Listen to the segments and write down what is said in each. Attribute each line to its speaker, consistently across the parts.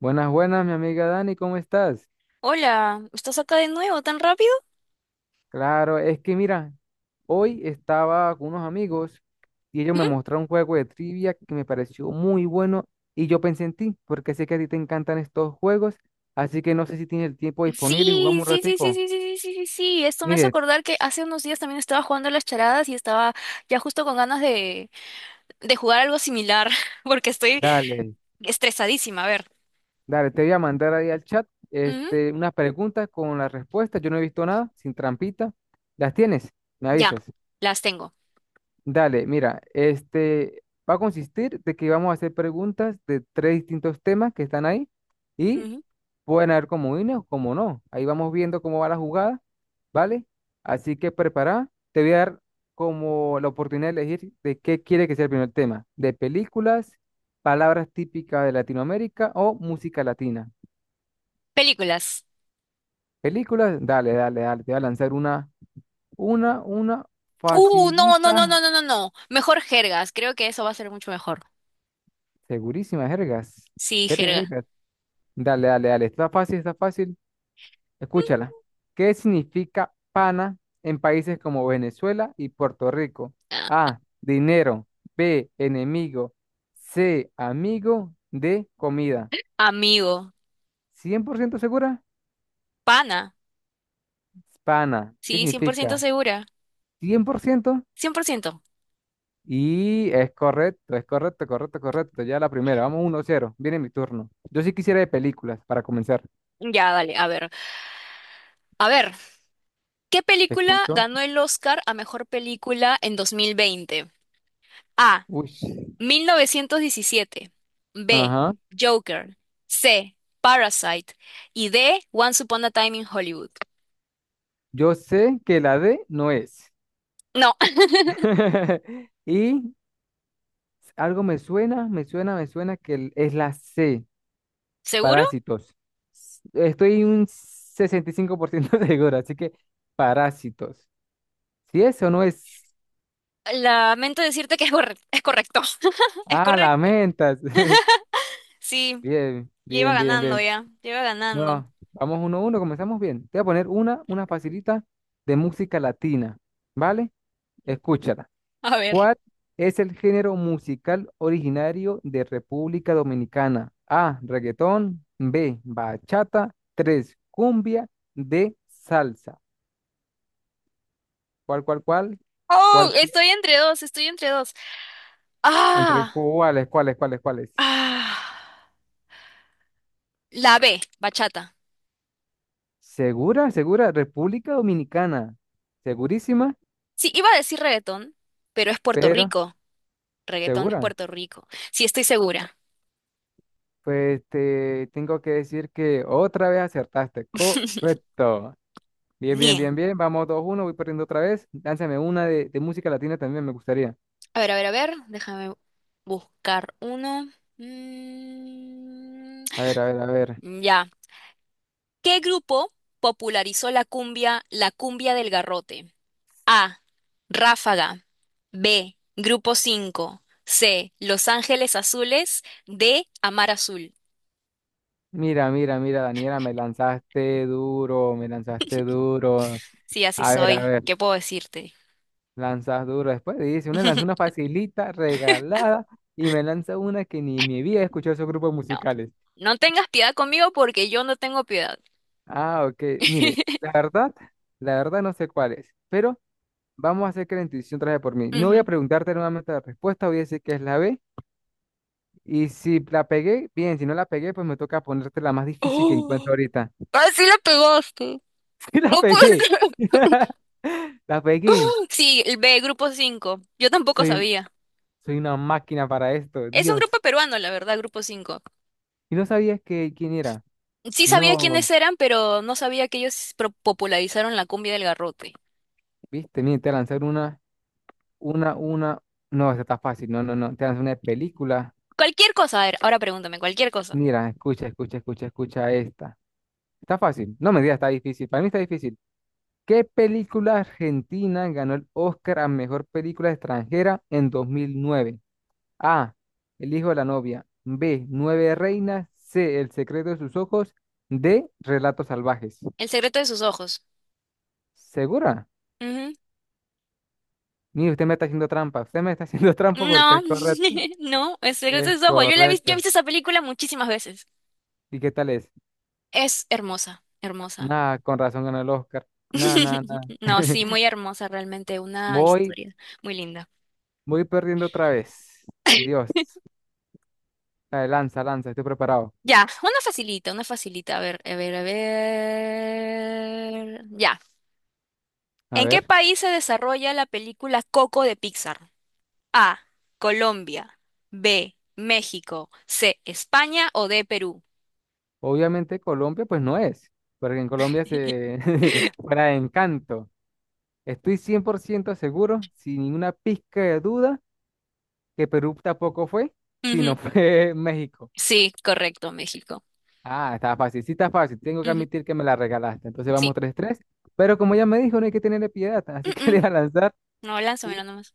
Speaker 1: Buenas, buenas, mi amiga Dani, ¿cómo estás?
Speaker 2: Hola, ¿estás acá de nuevo tan rápido?
Speaker 1: Claro, es que mira, hoy estaba con unos amigos y ellos
Speaker 2: ¿Mm?
Speaker 1: me mostraron un juego de trivia que me pareció muy bueno y yo pensé en ti, porque sé que a ti te encantan estos juegos, así que no sé si tienes el tiempo disponible y
Speaker 2: Sí,
Speaker 1: jugamos un
Speaker 2: sí, sí, sí,
Speaker 1: ratico.
Speaker 2: sí, sí, sí, sí, sí, sí. Esto me hace
Speaker 1: Mire,
Speaker 2: acordar que hace unos días también estaba jugando a las charadas y estaba ya justo con ganas de jugar algo similar, porque estoy
Speaker 1: dale,
Speaker 2: estresadísima. A ver.
Speaker 1: te voy a mandar ahí al chat
Speaker 2: Ujú,
Speaker 1: este, unas preguntas con las respuestas, yo no he visto nada, sin trampita. ¿Las tienes? Me
Speaker 2: ya,
Speaker 1: avisas.
Speaker 2: las tengo.
Speaker 1: Dale, mira, este va a consistir de que vamos a hacer preguntas de tres distintos temas que están ahí y
Speaker 2: Ujú.
Speaker 1: pueden haber comodines o como no. Ahí vamos viendo cómo va la jugada, ¿vale? Así que prepara, te voy a dar como la oportunidad de elegir de qué quiere que sea el primer tema, de películas, palabras típicas de Latinoamérica o música latina.
Speaker 2: Películas.
Speaker 1: Películas, dale, dale, te voy a lanzar una, una
Speaker 2: No, no, no, no,
Speaker 1: facilita,
Speaker 2: no, no, no. Mejor jergas. Creo que eso va a ser mucho mejor.
Speaker 1: segurísima, jergas.
Speaker 2: Sí, jerga.
Speaker 1: Dale, dale, dale. Está fácil, está fácil. Escúchala. ¿Qué significa pana en países como Venezuela y Puerto Rico?
Speaker 2: Ah,
Speaker 1: A, dinero. B, enemigo. C, amigo. D, comida.
Speaker 2: Amigo.
Speaker 1: ¿Cien por ciento segura?
Speaker 2: Pana.
Speaker 1: Pana. ¿Qué
Speaker 2: Sí, 100%
Speaker 1: significa?
Speaker 2: segura.
Speaker 1: 100%.
Speaker 2: 100%.
Speaker 1: Y es correcto, correcto, correcto. Ya la primera. Vamos uno cero. Viene mi turno. Yo sí quisiera de películas para comenzar.
Speaker 2: Ya, dale, a ver. A ver. ¿Qué
Speaker 1: Te
Speaker 2: película
Speaker 1: escucho.
Speaker 2: ganó el Oscar a mejor película en 2020? A,
Speaker 1: Uy.
Speaker 2: 1917. B,
Speaker 1: Ajá.
Speaker 2: Joker. C, Parasite. Y D, Once Upon a Time in Hollywood.
Speaker 1: Yo sé que la D no es.
Speaker 2: No.
Speaker 1: Y algo me suena, me suena que es la C,
Speaker 2: ¿Seguro?
Speaker 1: parásitos. Estoy un 65% seguro, así que parásitos. Si eso no es...
Speaker 2: Lamento decirte que es correcto. Es correcto. Es
Speaker 1: Ah,
Speaker 2: correcto.
Speaker 1: lamentas.
Speaker 2: Sí,
Speaker 1: Bien,
Speaker 2: ya iba
Speaker 1: bien, bien,
Speaker 2: ganando
Speaker 1: bien.
Speaker 2: ya. Ya iba ganando.
Speaker 1: No, vamos uno a uno, comenzamos bien. Te voy a poner una, facilita de música latina, ¿vale? Escúchala.
Speaker 2: A ver.
Speaker 1: ¿Cuál es el género musical originario de República Dominicana? A, reggaetón. B, bachata. Tres, cumbia. D, salsa. ¿Cuál, cuál?
Speaker 2: Oh,
Speaker 1: ¿Cuál?
Speaker 2: estoy entre dos, estoy entre dos.
Speaker 1: ¿Entre
Speaker 2: Ah,
Speaker 1: cuáles, cuáles?
Speaker 2: ah. La B, bachata.
Speaker 1: ¿Segura, segura? República Dominicana. ¿Segurísima?
Speaker 2: Sí, iba a decir reggaetón, pero es Puerto
Speaker 1: Pero,
Speaker 2: Rico. Reggaetón es
Speaker 1: ¿segura?
Speaker 2: Puerto Rico. Sí, estoy segura.
Speaker 1: Pues te tengo que decir que otra vez acertaste. Correcto. Bien, bien,
Speaker 2: Bien.
Speaker 1: bien, bien. Vamos 2 uno, voy perdiendo otra vez. Lánzame una de música latina también, me gustaría.
Speaker 2: A ver, a ver, a ver. Déjame buscar uno. Mm,
Speaker 1: A ver, a ver, a ver.
Speaker 2: ya. ¿Qué grupo popularizó la cumbia del garrote? A, Ráfaga. B, Grupo 5. C, Los Ángeles Azules. D, Amar Azul.
Speaker 1: Mira, Daniela, me lanzaste duro, me lanzaste duro.
Speaker 2: Sí, así
Speaker 1: A
Speaker 2: soy.
Speaker 1: ver,
Speaker 2: ¿Qué puedo decirte?
Speaker 1: lanzas duro. Después dice, una lanza una facilita, regalada, y me lanza una que ni me había escuchado esos grupos
Speaker 2: No,
Speaker 1: musicales.
Speaker 2: no tengas piedad conmigo porque yo no tengo piedad.
Speaker 1: Ah, ok. Mire, la verdad, no sé cuál es, pero vamos a hacer que la intuición traje por mí. No voy a
Speaker 2: Ujú.
Speaker 1: preguntarte nuevamente la respuesta, voy a decir que es la B. Y si la pegué, bien, si no la pegué, pues me toca ponerte la más difícil que encuentro
Speaker 2: Oh.
Speaker 1: ahorita.
Speaker 2: Ah, sí la pegaste.
Speaker 1: Sí, la
Speaker 2: No puede
Speaker 1: pegué.
Speaker 2: ser.
Speaker 1: La pegué.
Speaker 2: Sí, el B, Grupo 5. Yo tampoco
Speaker 1: Soy, un-
Speaker 2: sabía.
Speaker 1: soy una máquina para esto,
Speaker 2: Es un
Speaker 1: Dios.
Speaker 2: grupo peruano, la verdad, Grupo 5.
Speaker 1: Y no sabías que quién era.
Speaker 2: Sí sabía
Speaker 1: No,
Speaker 2: quiénes eran, pero no sabía que ellos popularizaron la cumbia del garrote.
Speaker 1: viste, mira, te lanzar una, una. No, esta está fácil. No, no, no. Te lanzo una de película.
Speaker 2: Cualquier cosa, a ver, ahora pregúntame, cualquier cosa.
Speaker 1: Mira, escucha, esta. Está fácil. No me digas, está difícil. Para mí está difícil. ¿Qué película argentina ganó el Oscar a mejor película extranjera en 2009? A. El hijo de la novia. B. Nueve reinas. C. El secreto de sus ojos. D. Relatos salvajes.
Speaker 2: El secreto de sus ojos.
Speaker 1: ¿Segura?
Speaker 2: Ujú.
Speaker 1: Mire, usted me está haciendo trampa. Usted me está haciendo trampa porque
Speaker 2: No,
Speaker 1: es correcto.
Speaker 2: no, el secreto de
Speaker 1: Es
Speaker 2: sus ojos. Yo la he visto, yo he
Speaker 1: correcto.
Speaker 2: visto esa película muchísimas veces.
Speaker 1: ¿Y qué tal es?
Speaker 2: Es hermosa, hermosa.
Speaker 1: Nada, con razón ganó el Oscar. Nada, nada, nada.
Speaker 2: No, sí, muy hermosa realmente, una
Speaker 1: Voy,
Speaker 2: historia muy linda.
Speaker 1: perdiendo otra vez. Dios. Dale, lanza, lanza, estoy preparado.
Speaker 2: Ya, una facilita, una facilita. A ver, a ver, a ver. Ya.
Speaker 1: A
Speaker 2: ¿En qué
Speaker 1: ver,
Speaker 2: país se desarrolla la película Coco de Pixar? A, Colombia. B, México. C, España. O D, Perú.
Speaker 1: obviamente Colombia pues no es, porque en Colombia se fuera de encanto. Estoy 100% seguro, sin ninguna pizca de duda, que Perú tampoco fue, sino
Speaker 2: Ujú.
Speaker 1: fue México.
Speaker 2: Sí, correcto, México.
Speaker 1: Ah, está fácil, sí está fácil. Tengo que
Speaker 2: Ujú.
Speaker 1: admitir que me la regalaste. Entonces
Speaker 2: Sí.
Speaker 1: vamos tres tres. Pero como ya me dijo, no hay que tenerle piedad.
Speaker 2: Mm,
Speaker 1: Así que le
Speaker 2: mm.
Speaker 1: voy a lanzar
Speaker 2: No,
Speaker 1: u-
Speaker 2: lánzamelo nomás.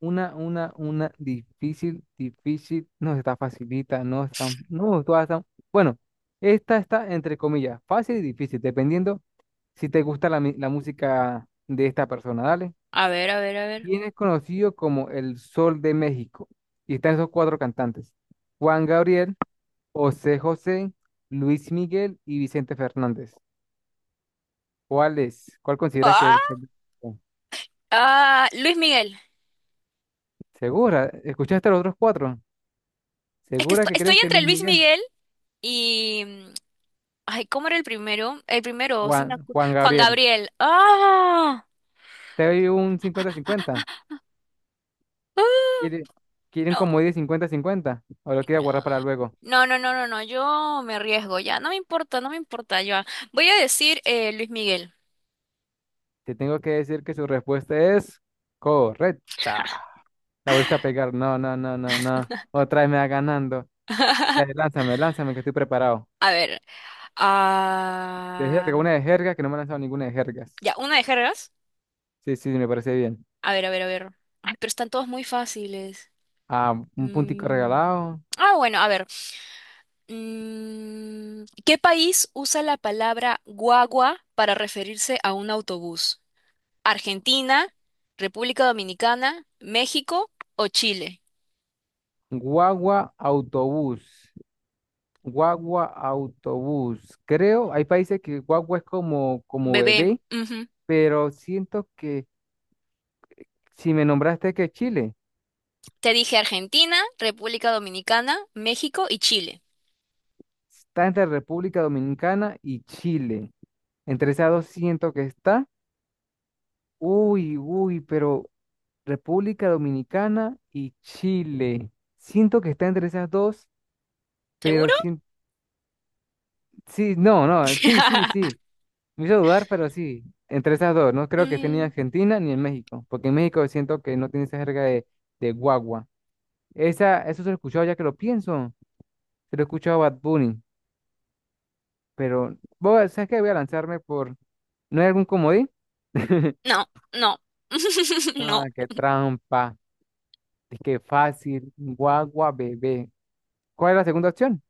Speaker 1: una, una difícil, difícil. No está facilita, no es tan, no, todas están. Bueno, esta está entre comillas, fácil y difícil, dependiendo si te gusta la, la música de esta persona. Dale,
Speaker 2: A ver, a ver, a ver.
Speaker 1: bien es conocido como el Sol de México. Y están esos cuatro cantantes. Juan Gabriel, José José, Luis Miguel y Vicente Fernández. ¿Cuál es? ¿Cuál consideras que es el
Speaker 2: Ah,
Speaker 1: Sol de México?
Speaker 2: Luis Miguel.
Speaker 1: ¿Segura? ¿Escuchaste a los otros cuatro?
Speaker 2: Es que
Speaker 1: ¿Segura que
Speaker 2: estoy
Speaker 1: crees que es
Speaker 2: entre
Speaker 1: Luis
Speaker 2: Luis
Speaker 1: Miguel?
Speaker 2: Miguel y... ay, ¿cómo era el primero? El primero, sí me
Speaker 1: Juan
Speaker 2: Juan
Speaker 1: Gabriel.
Speaker 2: Gabriel. ¡Ah!
Speaker 1: ¿Te doy un cincuenta-cincuenta?
Speaker 2: No,
Speaker 1: ¿Quiere- Quieren como 10 cincuenta-cincuenta? ¿O lo quiere guardar para luego?
Speaker 2: no, no, no, no, no, yo me arriesgo ya, no me importa, no me importa. Yo voy a decir Luis Miguel.
Speaker 1: Te tengo que decir que su respuesta es correcta. La volviste a pegar. No, no, no, no, no. Otra vez me va ganando. Dale, lánzame, lánzame, que estoy preparado.
Speaker 2: A ver,
Speaker 1: De jerga,
Speaker 2: ah,
Speaker 1: una de jerga, que no me ha lanzado ninguna de jergas.
Speaker 2: ya, una de jergas.
Speaker 1: Sí, sí, me parece bien.
Speaker 2: A ver, a ver, a ver. Ay, pero están todos muy fáciles.
Speaker 1: Ah, un puntico
Speaker 2: Mm,
Speaker 1: regalado.
Speaker 2: Ah, bueno, a ver. ¿Qué país usa la palabra guagua para referirse a un autobús? ¿Argentina, República Dominicana, México o Chile?
Speaker 1: Guagua, autobús. Guagua, autobús. Creo, hay países que guagua es como,
Speaker 2: Bebé.
Speaker 1: bebé, pero siento que si me nombraste que Chile,
Speaker 2: Te dije Argentina, República Dominicana, México y Chile.
Speaker 1: está entre República Dominicana y Chile. Entre esas dos siento que está. Uy, uy, pero República Dominicana y Chile. Siento que está entre esas dos, pero
Speaker 2: ¿Seguro?
Speaker 1: sí, sí, no, no, sí, sí, sí. Me hizo dudar, pero sí, entre esas dos. No creo que esté ni en
Speaker 2: Mm,
Speaker 1: Argentina ni en México, porque en México siento que no tiene esa jerga de guagua. Esa, eso se lo he escuchado ya que lo pienso. Se lo he escuchado a Bad Bunny, pero ¿sabes qué? Voy a lanzarme por... ¿No hay algún comodín?
Speaker 2: no, no, no.
Speaker 1: Ah, qué trampa. Es que fácil. Guagua, bebé. ¿Cuál es la segunda opción?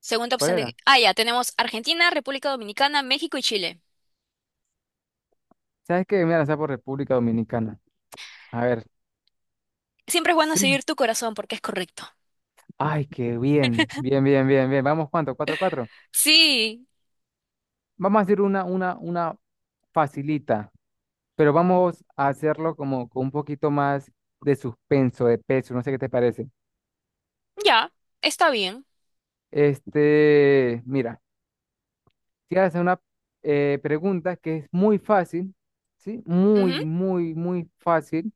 Speaker 2: Segunda
Speaker 1: ¿Cuál
Speaker 2: opción de...
Speaker 1: era?
Speaker 2: Ah, ya, tenemos Argentina, República Dominicana, México y Chile.
Speaker 1: ¿Sabes qué? Me voy a lanzar por República Dominicana. A ver,
Speaker 2: Siempre es bueno
Speaker 1: sí.
Speaker 2: seguir tu corazón porque es correcto.
Speaker 1: Ay, qué bien. Bien, bien, bien, bien. Vamos, ¿cuánto? ¿Cuatro, cuatro?
Speaker 2: Sí,
Speaker 1: Vamos a hacer una, una facilita, pero vamos a hacerlo como con un poquito más de suspenso, de peso. No sé qué te parece.
Speaker 2: ya, está bien.
Speaker 1: Este, mira, te voy a hacer una pregunta que es muy fácil, ¿sí? Muy, muy, muy fácil.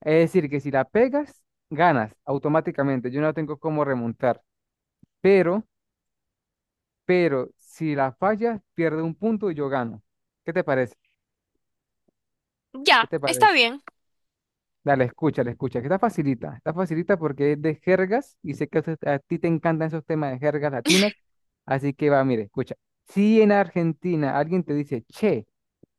Speaker 1: Es decir, que si la pegas, ganas automáticamente. Yo no tengo cómo remontar, pero si la fallas, pierde un punto y yo gano. ¿Qué te parece?
Speaker 2: Ujú,
Speaker 1: ¿Qué
Speaker 2: ya,
Speaker 1: te
Speaker 2: está
Speaker 1: parece?
Speaker 2: bien.
Speaker 1: Dale, escucha, le escucha. Que está facilita porque es de jergas y sé que a a ti te encantan esos temas de jergas latinas. Así que va, mire, escucha. Si en Argentina alguien te dice, che,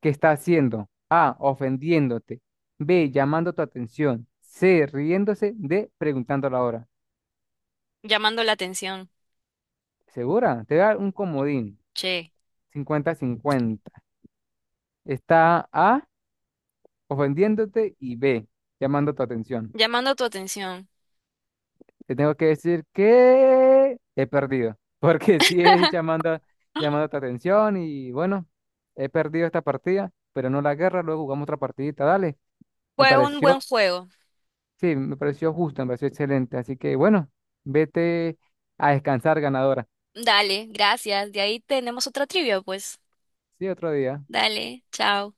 Speaker 1: ¿qué está haciendo? A, ofendiéndote. B, llamando tu atención. C, riéndose. D, preguntando la hora.
Speaker 2: Llamando la atención.
Speaker 1: ¿Segura? Te da un comodín.
Speaker 2: Che,
Speaker 1: Cincuenta cincuenta. Está A, ofendiéndote y B, llamando tu atención.
Speaker 2: llamando tu atención.
Speaker 1: Te tengo que decir que he perdido, porque sí es llamando, llamando tu atención y bueno, he perdido esta partida, pero no la guerra, luego jugamos otra partidita, dale. Me
Speaker 2: Fue un
Speaker 1: pareció,
Speaker 2: buen juego.
Speaker 1: sí, me pareció justo, me pareció excelente, así que bueno, vete a descansar, ganadora.
Speaker 2: Dale, gracias. De ahí tenemos otra trivia, pues.
Speaker 1: Sí, otro día.
Speaker 2: Dale, chao.